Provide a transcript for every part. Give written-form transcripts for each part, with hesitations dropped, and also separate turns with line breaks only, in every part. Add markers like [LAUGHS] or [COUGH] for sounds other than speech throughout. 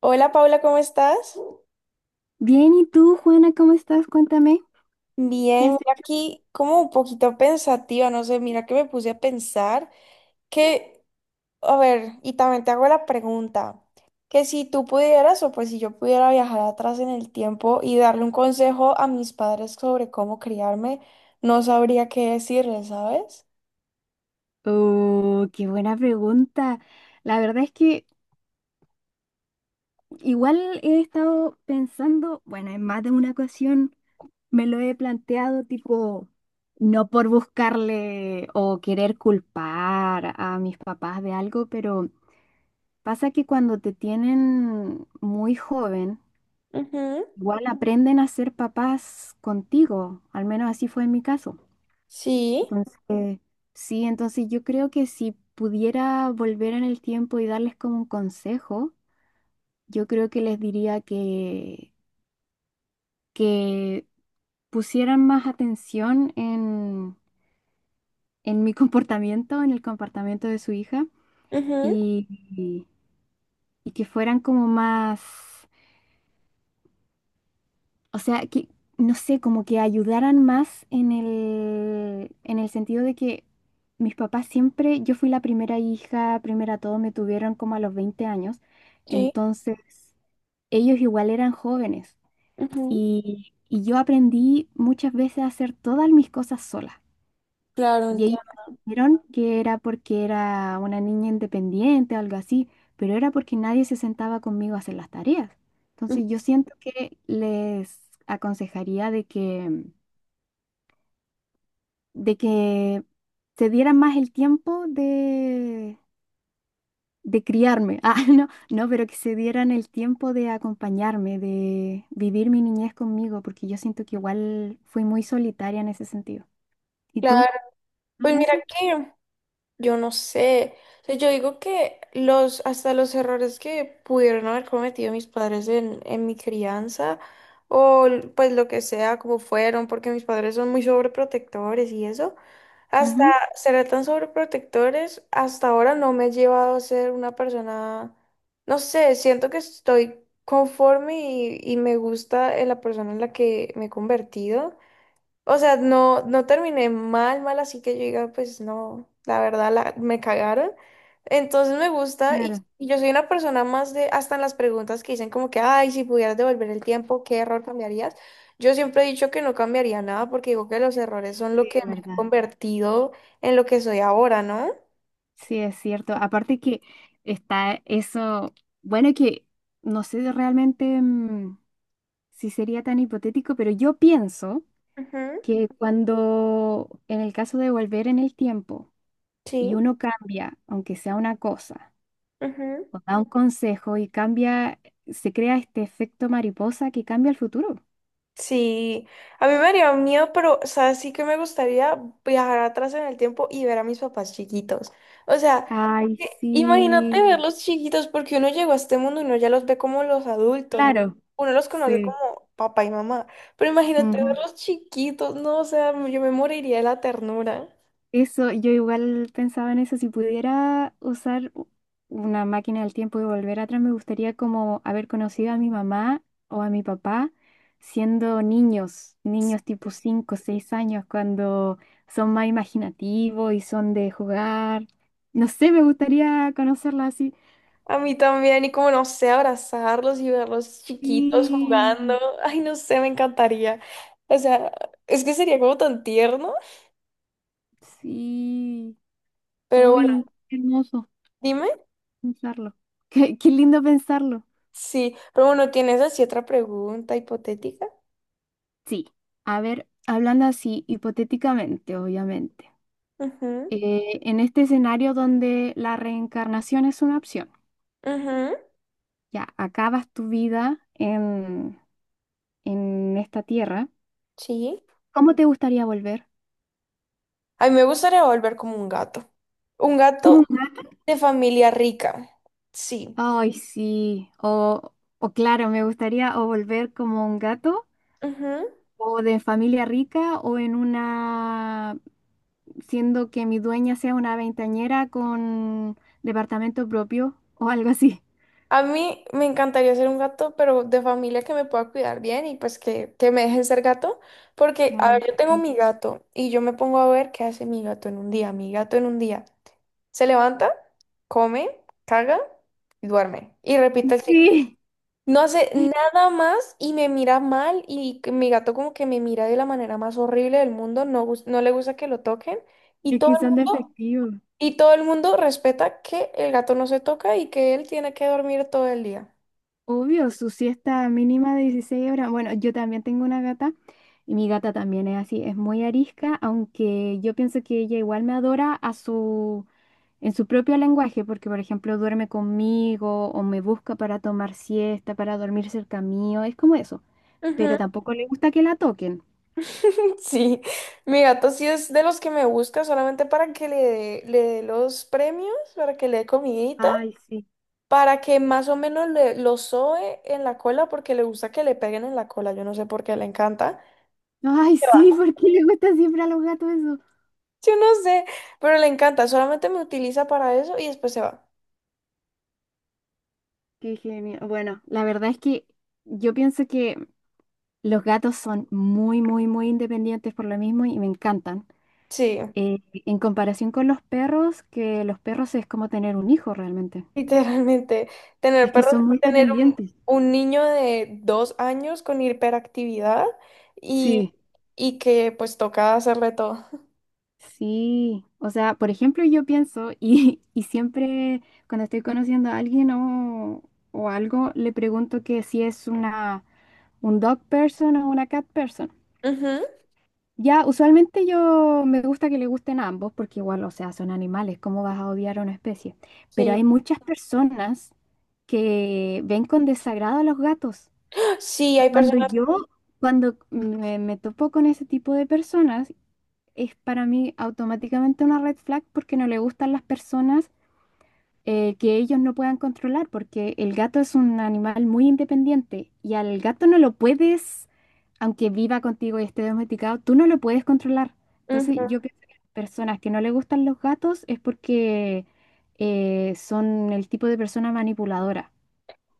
Hola Paula, ¿cómo estás?
Bien, ¿y tú, Juana, cómo estás? Cuéntame, ¿qué
Bien,
has
mira
hecho?
aquí como un poquito pensativa, no sé, mira que me puse a pensar que, a ver, y también te hago la pregunta, que si tú pudieras o pues si yo pudiera viajar atrás en el tiempo y darle un consejo a mis padres sobre cómo criarme, no sabría qué decirles, ¿sabes?
Oh, qué buena pregunta. La verdad es que igual he estado pensando, bueno, en más de una ocasión me lo he planteado, tipo, no por buscarle o querer culpar a mis papás de algo, pero pasa que cuando te tienen muy joven,
Ujú.
igual aprenden a ser papás contigo, al menos así fue en mi caso.
Sí.
Entonces, sí, entonces yo creo que si pudiera volver en el tiempo y darles como un consejo, yo creo que les diría que pusieran más atención en mi [LAUGHS] comportamiento, en el comportamiento de su hija,
Ujú.
y, y- y que fueran como más. O sea, que, no sé, como que ayudaran más en el sentido de que mis papás siempre, yo fui la primera hija, primera todo, me tuvieron como a los 20 años,
Sí.
entonces ellos igual eran jóvenes
Ujú.
y yo aprendí muchas veces a hacer todas mis cosas sola.
Claro,
Y ellos
entiendo.
dijeron que era porque era una niña independiente o algo así, pero era porque nadie se sentaba conmigo a hacer las tareas. Entonces yo siento que les aconsejaría de que se dieran más el tiempo de criarme. [LAUGHS] Ah, no, no, pero que se dieran el tiempo de acompañarme, de vivir mi niñez conmigo, porque yo siento que igual fui muy solitaria en ese sentido. ¿Y
Claro,
tú?
pues
¿En
mira
eso?
que yo no sé. O sea, yo digo que los, hasta los errores que pudieron haber cometido mis padres en mi crianza, pues lo que sea, como fueron, porque mis padres son muy sobreprotectores y eso, hasta
Ujú.
ser tan sobreprotectores, hasta ahora no me ha llevado a ser una persona, no sé, siento que estoy conforme y me gusta en la persona en la que me he convertido. O sea, no, no terminé mal, mal, así que yo diga, pues no, la verdad la, me cagaron. Entonces me gusta
Claro,
y yo soy una persona más de, hasta en las preguntas que dicen como que, ay, si pudieras devolver el tiempo, ¿qué error cambiarías? Yo siempre he dicho que no cambiaría nada porque digo que los errores son lo
sí,
que
es
me ha
verdad.
convertido en lo que soy ahora, ¿no?
Sí, es cierto. Aparte que está eso, bueno, que no sé realmente si sería tan hipotético, pero yo pienso
Ujú.
que cuando, en el caso de volver en el tiempo y
Sí.
uno cambia, aunque sea una cosa,
Ujú.
o da un consejo y cambia, se crea este efecto mariposa que cambia el futuro.
Sí, a mí me haría miedo, pero, o sea, sí que me gustaría viajar atrás en el tiempo y ver a mis papás chiquitos. O sea,
Ay,
que imagínate
sí,
verlos chiquitos, porque uno llegó a este mundo y uno ya los ve como los adultos, ¿no?
claro,
Uno los conoce como
sí.
papá y mamá, pero imagínate
Ujú.
verlos chiquitos, ¿no? O sea, yo me moriría de la ternura.
Eso, yo igual pensaba en eso, si pudiera usar una máquina del tiempo y volver atrás, me gustaría como haber conocido a mi mamá o a mi papá siendo niños, niños tipo 5, 6 años, cuando son más imaginativos y son de jugar. No sé, me gustaría conocerla así.
A mí también, y como no sé, abrazarlos y verlos chiquitos
Sí,
jugando. [LAUGHS] Ay, no sé, me encantaría. O sea, es que sería como tan tierno,
sí.
pero bueno,
Uy, qué hermoso
dime.
pensarlo. [LAUGHS] Qué lindo pensarlo.
Sí, pero bueno, tienes así otra pregunta hipotética.
Sí, a ver, hablando así, hipotéticamente, obviamente,
Ujú.
en este escenario donde la reencarnación es una opción,
Ujú.
ya acabas tu vida en esta tierra,
Sí.
¿cómo te gustaría volver?
A mí me gustaría volver como un gato. Un
¿Como
gato
un gato?
de familia rica. Sí.
Ay, sí, o claro, me gustaría o volver como un gato,
Ujú.
o de familia rica, o en una, siendo que mi dueña sea una veintañera con departamento propio, o algo así.
A mí me encantaría ser un gato, pero de familia que me pueda cuidar bien y pues que me dejen ser gato. Porque, a
Ay,
ver, yo tengo
sí.
mi gato y yo me pongo a ver qué hace mi gato en un día. Mi gato en un día se levanta, come, caga y duerme. Y repite el ciclo.
Sí,
No hace nada más y me mira mal y que mi gato como que me mira de la manera más horrible del mundo, no, no le gusta que lo toquen y
es
todo
que
el
son de
mundo,
efectivo.
y todo el mundo respeta que el gato no se toca y que él tiene que dormir todo el día.
Obvio, su siesta mínima de 16 horas. Bueno, yo también tengo una gata y mi gata también es así, es muy arisca, aunque yo pienso que ella igual me adora a su, en su propio lenguaje, porque por ejemplo duerme conmigo o me busca para tomar siesta, para dormir cerca mío, es como eso.
Ujú.
Pero tampoco le gusta que la toquen.
[LAUGHS] Sí, mi gato sí es de los que me busca solamente para que le dé los premios, para que le dé comidita,
Ay, sí.
para que más o menos le, lo soe en la cola porque le gusta que le peguen en la cola, yo no sé por qué le encanta.
Ay, sí, ¿porque le gusta siempre a los gatos eso?
Yo no sé, pero le encanta, solamente me utiliza para eso y después se va.
Qué genial. Bueno, la verdad es que yo pienso que los gatos son muy, muy, muy independientes por lo mismo y me encantan.
Sí. [LAUGHS]
Eh, en comparación con los perros, que los perros es como tener un hijo realmente.
Literalmente. Tener
Es que
perros,
son muy
tener un,
dependientes.
un niño de 2 años con hiperactividad y,
Sí,
y que pues toca hacerle todo.
sí. O sea, por ejemplo, yo pienso [LAUGHS] y siempre cuando estoy conociendo a alguien o algo, le pregunto que si es un dog person o una cat person.
Ujú.
Ya, usualmente yo me gusta que le gusten a ambos porque igual, o sea, son animales, ¿cómo vas a odiar a una especie? Pero
Sí.
hay muchas personas que ven con desagrado a los gatos.
Sí, hay
Cuando
personas.
yo, cuando me topo con ese tipo de personas, es para mí automáticamente una red flag porque no le gustan las personas que ellos no puedan controlar, porque el gato es un animal muy independiente y al gato no lo puedes, aunque viva contigo y esté domesticado, tú no lo puedes controlar. Entonces,
Ujú.
yo creo que las personas que no le gustan los gatos es porque son el tipo de persona manipuladora.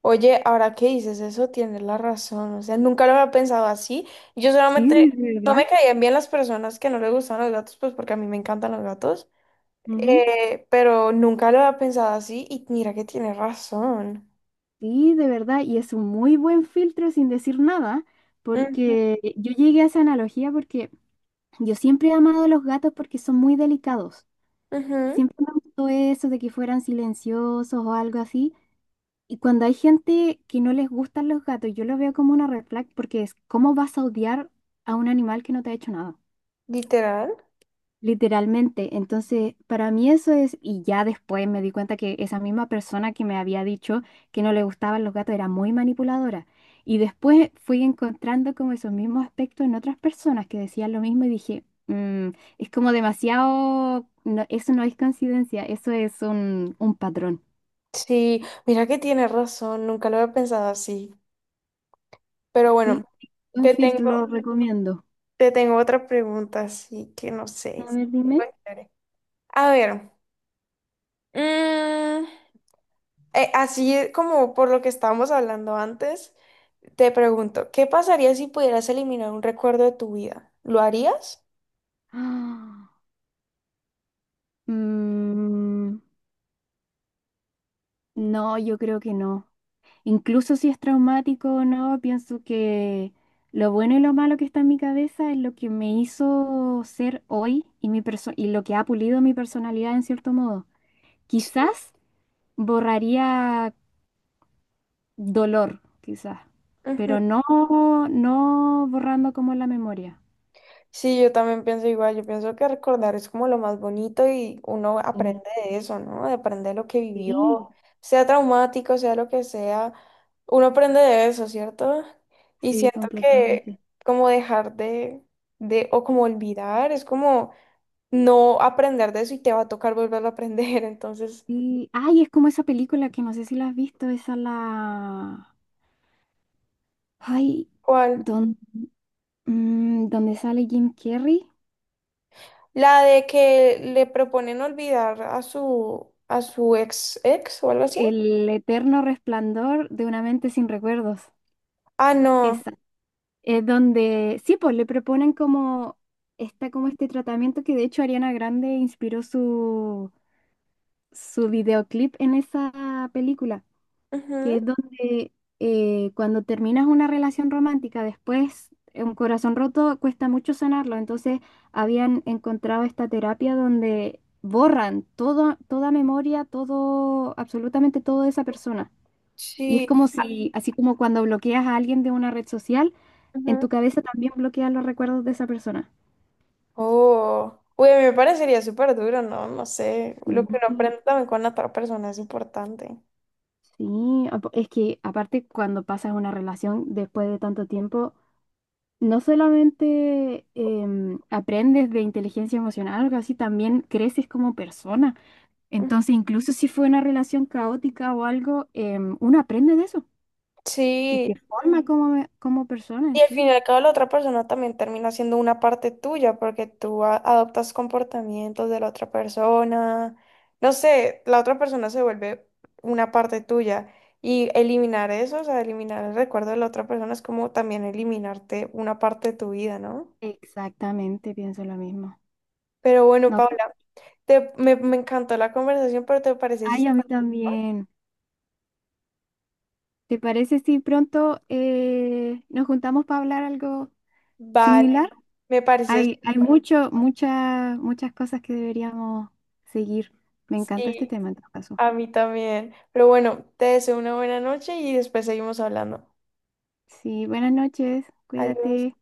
Oye, ahora que dices eso, tienes la razón. O sea, nunca lo había pensado así. Yo solamente
Sí, sí, de
no
verdad.
me caían bien las personas que no les gustaban los gatos, pues porque a mí me encantan los gatos.
Ujú.
Pero nunca lo había pensado así y mira que tiene razón.
Sí, de verdad, y es un muy buen filtro sin decir nada,
Mm.
porque yo llegué a esa analogía porque yo siempre he amado a los gatos porque son muy delicados.
Ujú.
Siempre me gustó eso de que fueran silenciosos o algo así. Y cuando hay gente que no les gustan los gatos, yo lo veo como una red flag porque es, ¿cómo vas a odiar a un animal que no te ha hecho nada?
Literal.
Literalmente, entonces para mí eso es, y ya después me di cuenta que esa misma persona que me había dicho que no le gustaban los gatos era muy manipuladora. Y después fui encontrando como esos mismos aspectos en otras personas que decían lo mismo y dije, "Mm, es como demasiado, no, eso no es coincidencia, eso es un patrón,
Sí, mira que tiene razón, nunca lo había pensado así. Pero bueno,
¿sí?" Un
te
filtro lo
tengo,
recomiendo.
te tengo otra pregunta, así que no sé.
A ver, dime.
Bueno, chévere. A ver, mm, así como por lo que estábamos hablando antes, te pregunto, ¿qué pasaría si pudieras eliminar un recuerdo de tu vida? ¿Lo harías?
Ah, mm, no, yo creo que no. Incluso si es traumático o no, pienso que lo bueno y lo malo que está en mi cabeza es lo que me hizo ser hoy y lo que ha pulido mi personalidad en cierto modo. Quizás borraría dolor, quizás,
Ujú.
pero no, no borrando como la memoria.
Sí, yo también pienso igual, yo pienso que recordar es como lo más bonito y uno aprende
Mm,
de eso, ¿no? De aprender lo que vivió,
sí,
sea traumático, sea lo que sea, uno aprende de eso, ¿cierto? Y
sí,
siento que
completamente.
como dejar o como olvidar, es como no aprender de eso y te va a tocar volverlo a aprender, [LAUGHS] entonces,
Sí. Ay, es como esa película que no sé si la has visto, Ay,
¿cuál?
don- donde sale Jim Carrey.
La de que le proponen olvidar a su ex ex o algo así.
El eterno resplandor de una mente sin recuerdos.
Ah, no.
Esa. Es donde, sí, pues le proponen como, está como este tratamiento que de hecho Ariana Grande inspiró su videoclip en esa película, que
Ujú.
es donde cuando terminas una relación romántica, después un corazón roto cuesta mucho sanarlo, entonces habían encontrado esta terapia donde borran todo, toda memoria, todo, absolutamente todo de esa persona. Y es
Sí.
como si, así como cuando bloqueas a alguien de una red social, en
Ujú.
tu cabeza también bloqueas los recuerdos de esa persona.
Oh, uy, a mí me parecería súper duro, ¿no? No sé,
Sí,
lo que uno aprende también con la otra persona es importante.
sí, es que aparte cuando pasas una relación después de tanto tiempo, no solamente aprendes de inteligencia emocional o algo así, también creces como persona.
Ujú.
Entonces, incluso si fue una relación caótica o algo, uno aprende de eso y
Sí,
te forma como persona
y
en
al
sí.
fin y al cabo la otra persona también termina siendo una parte tuya porque adoptas comportamientos de la otra persona. No sé, la otra persona se vuelve una parte tuya y eliminar eso, o sea, eliminar el recuerdo de la otra persona es como también eliminarte una parte de tu vida, ¿no?
Exactamente, pienso lo mismo.
Pero bueno,
No.
Paula, me encantó la conversación, pero ¿te parece si...
Ay, a mí también. ¿Te parece si pronto nos juntamos para hablar algo
Vale,
similar?
me parece,
Hay muchas, muchas cosas que deberíamos seguir. Me encanta este
sí,
tema en todo caso.
a mí también. Pero bueno, te deseo una buena noche y después seguimos hablando.
Sí, buenas noches.
Adiós.
Cuídate.